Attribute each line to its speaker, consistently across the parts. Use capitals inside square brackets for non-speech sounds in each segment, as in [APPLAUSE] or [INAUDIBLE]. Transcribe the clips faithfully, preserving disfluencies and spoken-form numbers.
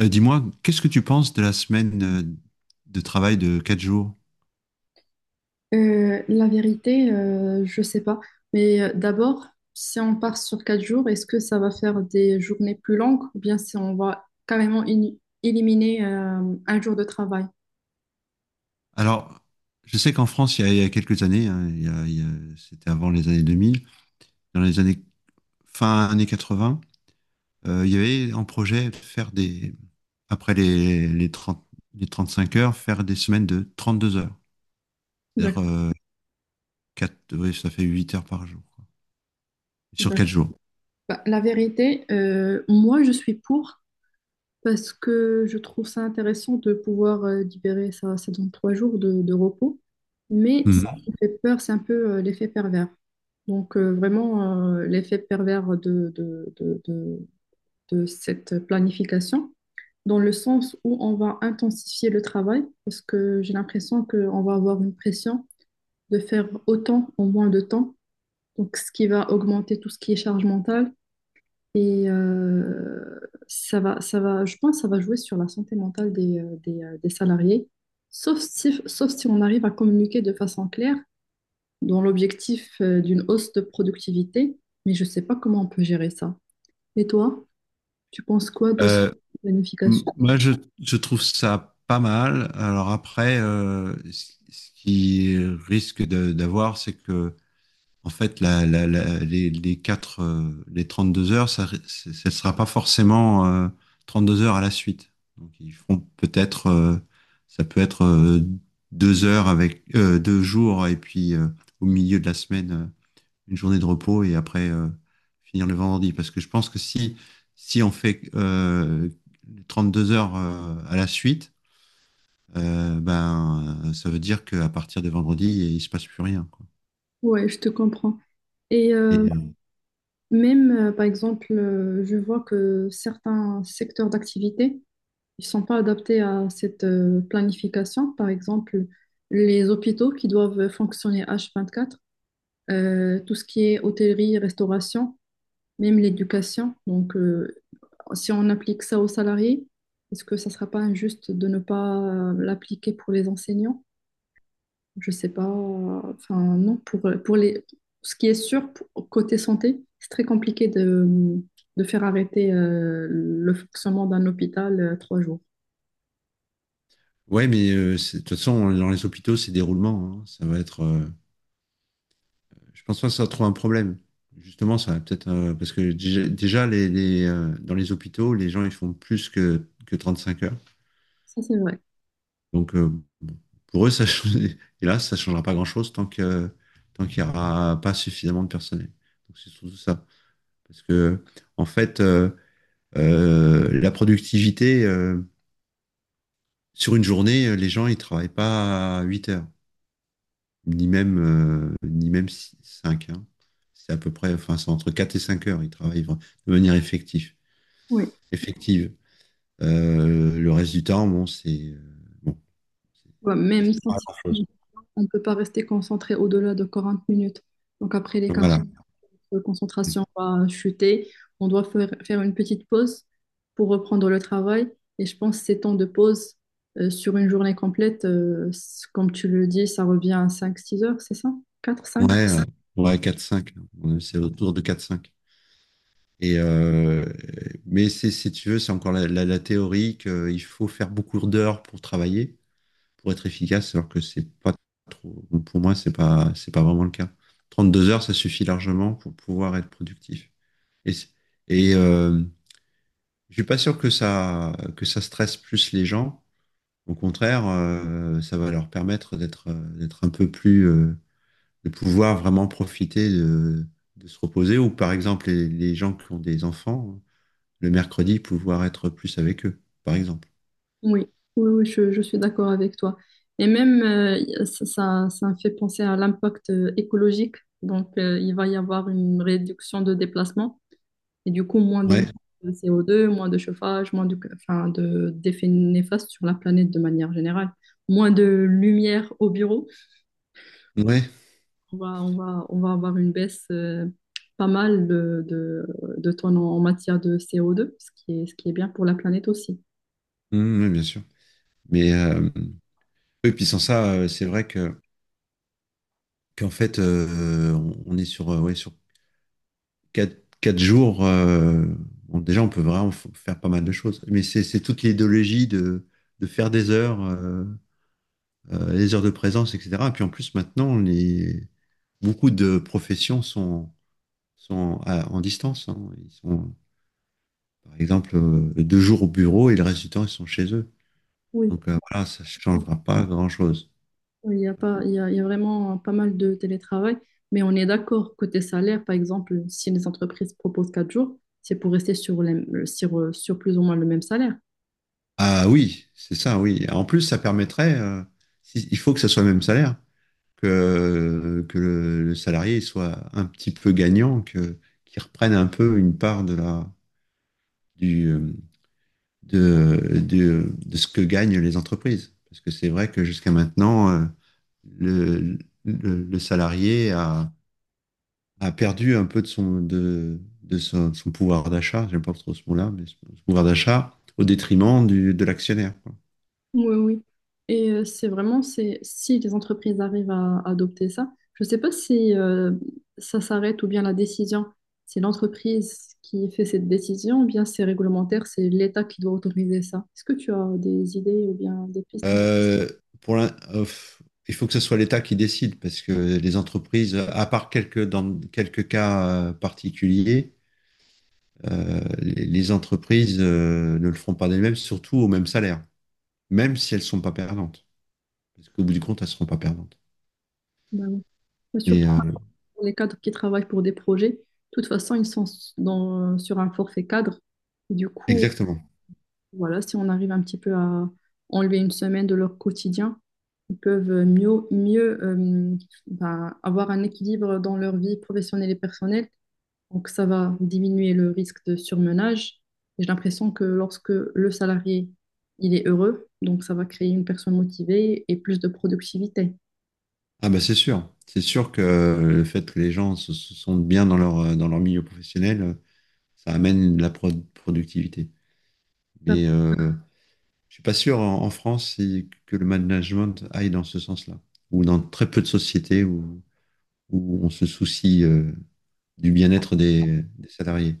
Speaker 1: Euh, dis-moi, qu'est-ce que tu penses de la semaine euh, de travail de quatre jours?
Speaker 2: Euh, la vérité, euh, je sais pas. Mais euh, d'abord, si on part sur quatre jours, est-ce que ça va faire des journées plus longues ou bien si on va carrément in- éliminer euh, un jour de travail?
Speaker 1: Alors, je sais qu'en France, il y a, il y a quelques années, hein, il y a- il y a- c'était avant les années deux mille, dans les années fin années quatre-vingts, euh, il y avait en projet de faire des, après les, les trente les trente-cinq heures, faire des semaines de trente-deux heures. C'est-à-dire,
Speaker 2: D'accord.
Speaker 1: euh, quatre- ouais, ça fait huit heures par jour, quoi, sur
Speaker 2: D'accord.
Speaker 1: quatre jours.
Speaker 2: Bah, la vérité, euh, moi, je suis pour parce que je trouve ça intéressant de pouvoir euh, libérer ça, ça donne trois jours de, de repos. Mais ça
Speaker 1: Mhm.
Speaker 2: me fait peur, c'est un peu euh, l'effet pervers. Donc, euh, vraiment, euh, l'effet pervers de de de cette planification, dans le sens où on va intensifier le travail, parce que j'ai l'impression qu'on va avoir une pression de faire autant en moins de temps, donc ce qui va augmenter tout ce qui est charge mentale. Et euh, ça va, ça va, je pense que ça va jouer sur la santé mentale des, euh, des, euh, des salariés, sauf si, sauf si on arrive à communiquer de façon claire dans l'objectif euh, d'une hausse de productivité, mais je ne sais pas comment on peut gérer ça. Et toi, tu penses quoi de cette
Speaker 1: Euh, M-
Speaker 2: planification?
Speaker 1: Moi, je, je trouve ça pas mal. Alors après, euh, ce ce qui risque de- d'avoir, c'est que, en fait, la, la- la- les, les quatre, euh, les deux heures, ça, ri- c'est- ça sera pas forcément euh, deux heures à la suite. Donc, ils feront peut-être, euh, ça peut être euh, deux heures avec, euh, deux jours, et puis euh, au milieu de la semaine. euh, une journée de repos et après euh, finir le vendredi. Parce que je pense que si, si on fait euh, deux heures euh, à la suite, euh, ben, euh, ça veut dire qu'à partir de vendredi, il se passe plus rien, quoi.
Speaker 2: Ouais, je te comprends. Et euh,
Speaker 1: Et, euh,
Speaker 2: même, euh, par exemple, euh, je vois que certains secteurs d'activité, ils sont pas adaptés à cette euh, planification. Par exemple, les hôpitaux qui doivent fonctionner h vingt-quatre, euh, tout ce qui est hôtellerie, restauration, même l'éducation. Donc, euh, si on applique ça aux salariés, est-ce que ça sera pas injuste de ne pas euh, l'appliquer pour les enseignants? Je sais pas. Enfin, non, pour, pour les... ce qui est sûr, pour- côté santé, c'est très compliqué de, de faire arrêter euh, le fonctionnement d'un hôpital euh, trois jours.
Speaker 1: ouais, mais euh, c'est- de toute façon, dans les hôpitaux, c'est des roulements. hein. Ça va être, euh, je pense pas que ça trouve un problème. Justement, ça va peut-être, euh, parce que déjà, déjà, les, les, euh, dans les hôpitaux, les gens, ils font plus que, que trente-cinq heures.
Speaker 2: Ça, c'est vrai.
Speaker 1: Donc, euh, pour eux, ça, change- [LAUGHS] hélas, ça changera pas grand-chose tant que, tant qu'il n'y aura pas suffisamment de personnel. Donc, c'est surtout ça. Parce que, en fait, euh, euh, la productivité, euh, sur une journée, euh, les gens, ils travaillent pas huit heures, ni même, euh, ni même cinq. hein. C'est à peu près, enfin, c'est entre quatre et cinq heures, ils travaillent vra- de manière effective.
Speaker 2: Oui.
Speaker 1: effective. Euh, le reste du temps, bon, c'est, euh, bon,
Speaker 2: Ouais,
Speaker 1: c'est- c'est-
Speaker 2: même scientifiquement, on ne peut pas rester concentré au-delà de quarante minutes. Donc, après les quarante,
Speaker 1: voilà.
Speaker 2: notre concentration va chuter. On doit faire, faire une petite pause pour reprendre le travail. Et je pense que ces temps de pause euh, sur une journée complète, euh, c- comme tu le dis, ça revient à cinq, six heures, c'est ça? Quatre, cinq.
Speaker 1: Ouais, euh, ouais, quatre cinq. Ouais, quatre cinq. À mon avis, C'est autour de quatre cinq. Et euh, mais c'est, si tu veux, c'est encore la, la, la théorie qu'il faut faire beaucoup d'heures pour travailler, pour être efficace, alors que c'est pas trop. Pour moi, c'est pas, c'est pas vraiment le cas. Trente deux heures, ça suffit largement pour pouvoir être productif. Et, c'est- et euh, je suis pas sûr que ça, que ça stresse plus les gens. Au contraire, euh, ça va leur permettre d'être, euh, d'être un peu plus, euh, de pouvoir vraiment profiter de, de se reposer, ou par exemple les, les gens qui ont des enfants, le mercredi, pouvoir être plus avec eux, par exemple.
Speaker 2: Oui, oui, oui, je, je suis d'accord avec toi. Et même, euh, ça, ça, ça me fait penser à l'impact euh, écologique. Donc, euh, il va y avoir une réduction de déplacement. Et du coup, moins
Speaker 1: Ouais,
Speaker 2: d'émissions de c o deux, moins de chauffage, moins de, enfin, de, d'effets néfastes sur la planète de manière générale. Moins de lumière au bureau.
Speaker 1: ouais,
Speaker 2: On va, on va, on va avoir une baisse euh, pas mal de, de, de tonnes en en matière de c o deux, ce qui est, ce qui est bien pour la planète aussi.
Speaker 1: mm, oui, bien sûr. Mais euh, et puis sans ça, euh, c'est vrai que qu'en fait, euh, on- on est sur, euh, ouais, sur quatre, quatre jours. Euh, bon, déjà, on peut vraiment f- faire pas mal de choses. Mais c'est c'est toute l'idéologie de, de faire des heures, euh, euh, les heures de présence, et cetera. Et puis en plus, maintenant, les, beaucoup de professions sont, sont à- en distance, hein. Ils sont, par exemple, euh, deux jours au bureau et le reste du temps, ils sont chez eux.
Speaker 2: Oui,
Speaker 1: Donc euh, voilà, ça ne changera pas grand-chose.
Speaker 2: oui, il y a pas, il y a, il y a vraiment pas mal de télétravail, mais on est d'accord, côté salaire, par exemple, si les entreprises proposent quatre jours, c'est pour rester sur, les- sur, sur plus ou moins le même salaire.
Speaker 1: Ah oui, c'est ça, oui. En plus, ça permettrait, euh, si- il faut que ça soit le même salaire, que, que le, le salarié il soit un petit peu gagnant, que, qu'il reprenne un peu une part de la, du, euh, de, de, de ce que gagnent les entreprises. Parce que c'est vrai que jusqu'à maintenant, euh, le, le, le salarié a, a perdu un peu de son, de, de son, son pouvoir d'achat, j'aime pas trop ce mot-là, mais son son pouvoir d'achat au détriment du, de l'actionnaire, quoi.
Speaker 2: Oui, oui. Et euh, c'est vraiment, c'est si les entreprises arrivent à adopter ça, je ne sais pas si euh, ça s'arrête ou bien la décision, c'est l'entreprise qui fait cette décision ou bien c'est réglementaire, c'est l'État qui doit autoriser ça. Est-ce que tu as des idées ou bien des pistes en-
Speaker 1: Euh, pour l'in- euh, f- il faut que ce soit l'État qui décide parce que les entreprises, à part quelques, dans quelques cas euh, particuliers, euh, les, les entreprises euh, ne le feront pas d'elles-mêmes, surtout au même salaire, même si elles sont pas perdantes. Parce qu'au bout du compte, elles seront pas perdantes.
Speaker 2: Ben oui. Mais surtout
Speaker 1: Mais euh,
Speaker 2: pour les cadres qui travaillent pour des projets, de toute façon, ils sont s- dans, sur un forfait cadre. Du coup,
Speaker 1: Exactement.
Speaker 2: voilà, si on arrive un petit peu à enlever une semaine de leur quotidien, ils peuvent euh, mieux, mieux euh, ben, avoir un équilibre dans leur vie professionnelle et personnelle. Donc, ça va diminuer le risque de surmenage. Et j'ai l'impression que lorsque le salarié, il est heureux, donc ça va créer une personne motivée et plus de productivité.
Speaker 1: Ah bah c'est sûr, c'est sûr que euh, le fait que les gens se, se sentent bien dans leur, euh, dans leur milieu professionnel, euh, ça amène de la pro- productivité.
Speaker 2: Bah,
Speaker 1: Mais euh, je suis pas sûr en, en France si- que le management aille dans ce sens-là, ou dans très peu de sociétés où, où on se soucie euh, du bien-être des, des salariés.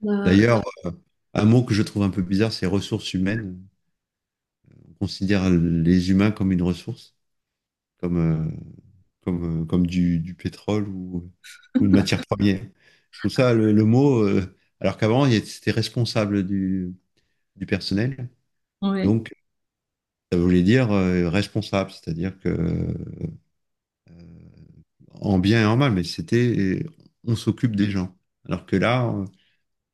Speaker 2: bah,
Speaker 1: D'ailleurs, euh, un mot que je trouve un peu bizarre, c'est ressources humaines. On considère les humains comme une ressource. comme, euh, comme, euh, comme du, du pétrole ou, ou une matière première. Je trouve ça le, le mot, euh, alors qu'avant, il y a- c'était responsable du, du personnel.
Speaker 2: ouais.
Speaker 1: Donc, ça voulait dire euh, responsable, c'est-à-dire que euh, en bien et en mal, mais c'était euh, on s'occupe des gens. Alors que là, euh,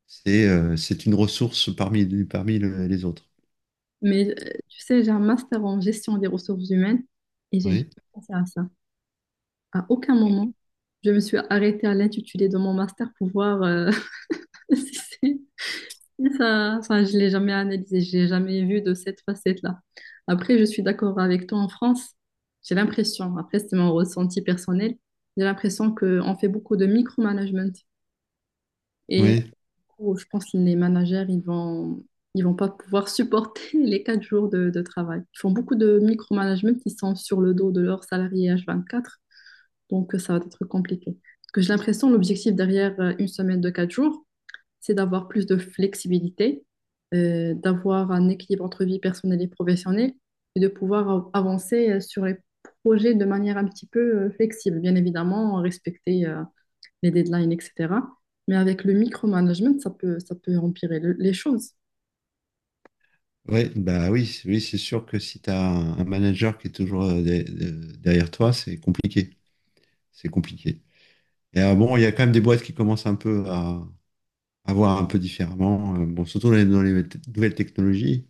Speaker 1: c'est euh, c'est une ressource parmi, parmi le- les autres.
Speaker 2: Mais euh, tu sais, j'ai un master en gestion des ressources humaines et j'ai juste
Speaker 1: Oui,
Speaker 2: pensé à ça. À aucun moment, je me suis arrêtée à l'intitulé de mon master pour voir euh, [LAUGHS] si c'est- si ça. Enfin, je l'ai jamais analysé, je l'ai jamais vu de cette facette-là. Après, je suis d'accord avec toi en France. J'ai l'impression, après, c'est mon ressenti personnel, j'ai l'impression qu'on fait beaucoup de micromanagement. Et
Speaker 1: oui.
Speaker 2: du coup, je pense que les managers, ils vont, ils vont pas pouvoir supporter [LAUGHS] les quatre jours de, de travail. Ils font beaucoup de micromanagement qui sont sur le dos de leurs salariés h vingt-quatre. Donc, euh, ça va être compliqué. Parce que j'ai l'impression, l'objectif derrière euh, une semaine de quatre jours, c'est d'avoir plus de flexibilité, euh, d'avoir un équilibre entre vie personnelle et professionnelle et de pouvoir av- avancer euh, sur les projets de manière un petit peu euh, flexible. Bien évidemment, respecter euh, les deadlines, et cetera. Mais avec le micromanagement, ça peut, ça peut empirer le- les choses.
Speaker 1: Oui bah oui, oui, c'est sûr que si tu as un un manager qui est toujours euh, de- de- derrière toi, c'est compliqué. C'est compliqué. Et euh, bon, il y a quand même des boîtes qui commencent un peu à, à voir un peu différemment. Euh, bon, surtout dans les, dans les te- nouvelles technologies,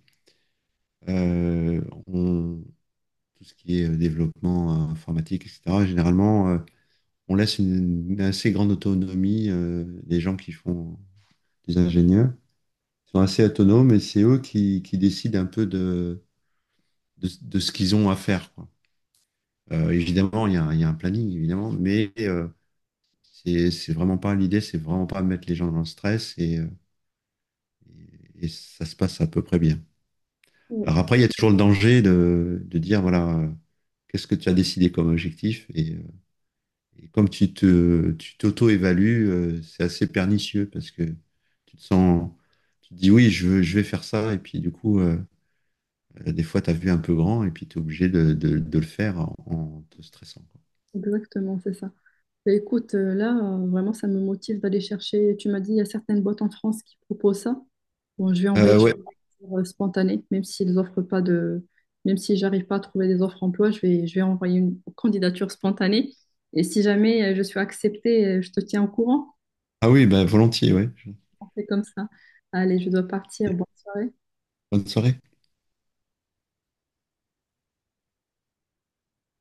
Speaker 1: euh, on- tout ce qui est euh, développement euh, informatique, et cetera. Généralement, euh, on laisse une, une assez grande autonomie euh, des gens qui font des ingénieurs. Ils sont assez autonomes et c'est eux qui, qui décident un peu de, de, de ce qu'ils ont à faire, quoi. Euh, évidemment, il y a, un- il y a un planning, évidemment, mais euh, c'est c'est vraiment pas l'idée, c'est vraiment pas mettre les gens dans le stress et euh, et ça se passe à peu près bien.
Speaker 2: Oui,
Speaker 1: Alors après, il y a toujours le danger de, de dire, voilà, euh, qu'est-ce que tu as décidé comme objectif? Et, euh, et comme tu te, tu t'auto-évalues, euh, c'est assez pernicieux parce que tu te sens, tu te dis, oui, je veux- je vais faire ça. Et puis du coup, euh, euh, des fois, tu as vu un peu grand et puis tu es obligé de, de- de le faire en, en te stressant, quoi.
Speaker 2: exactement, c'est ça. Et écoute, euh, là, euh, vraiment, ça me motive d'aller chercher. Tu m'as dit, il y a certaines boîtes en France qui proposent ça. Bon, je vais envoyer
Speaker 1: Euh, ouais.
Speaker 2: euh, spontanée, même s'ils offrent pas de, même si j'arrive pas à trouver des offres emploi, je vais, je vais envoyer une candidature spontanée. Et si jamais euh, je suis acceptée, euh, je te tiens au courant.
Speaker 1: Ah oui, bah, volontiers, ouais.
Speaker 2: On fait comme ça. Allez, je dois partir. Bonne soirée.
Speaker 1: Bonne soirée.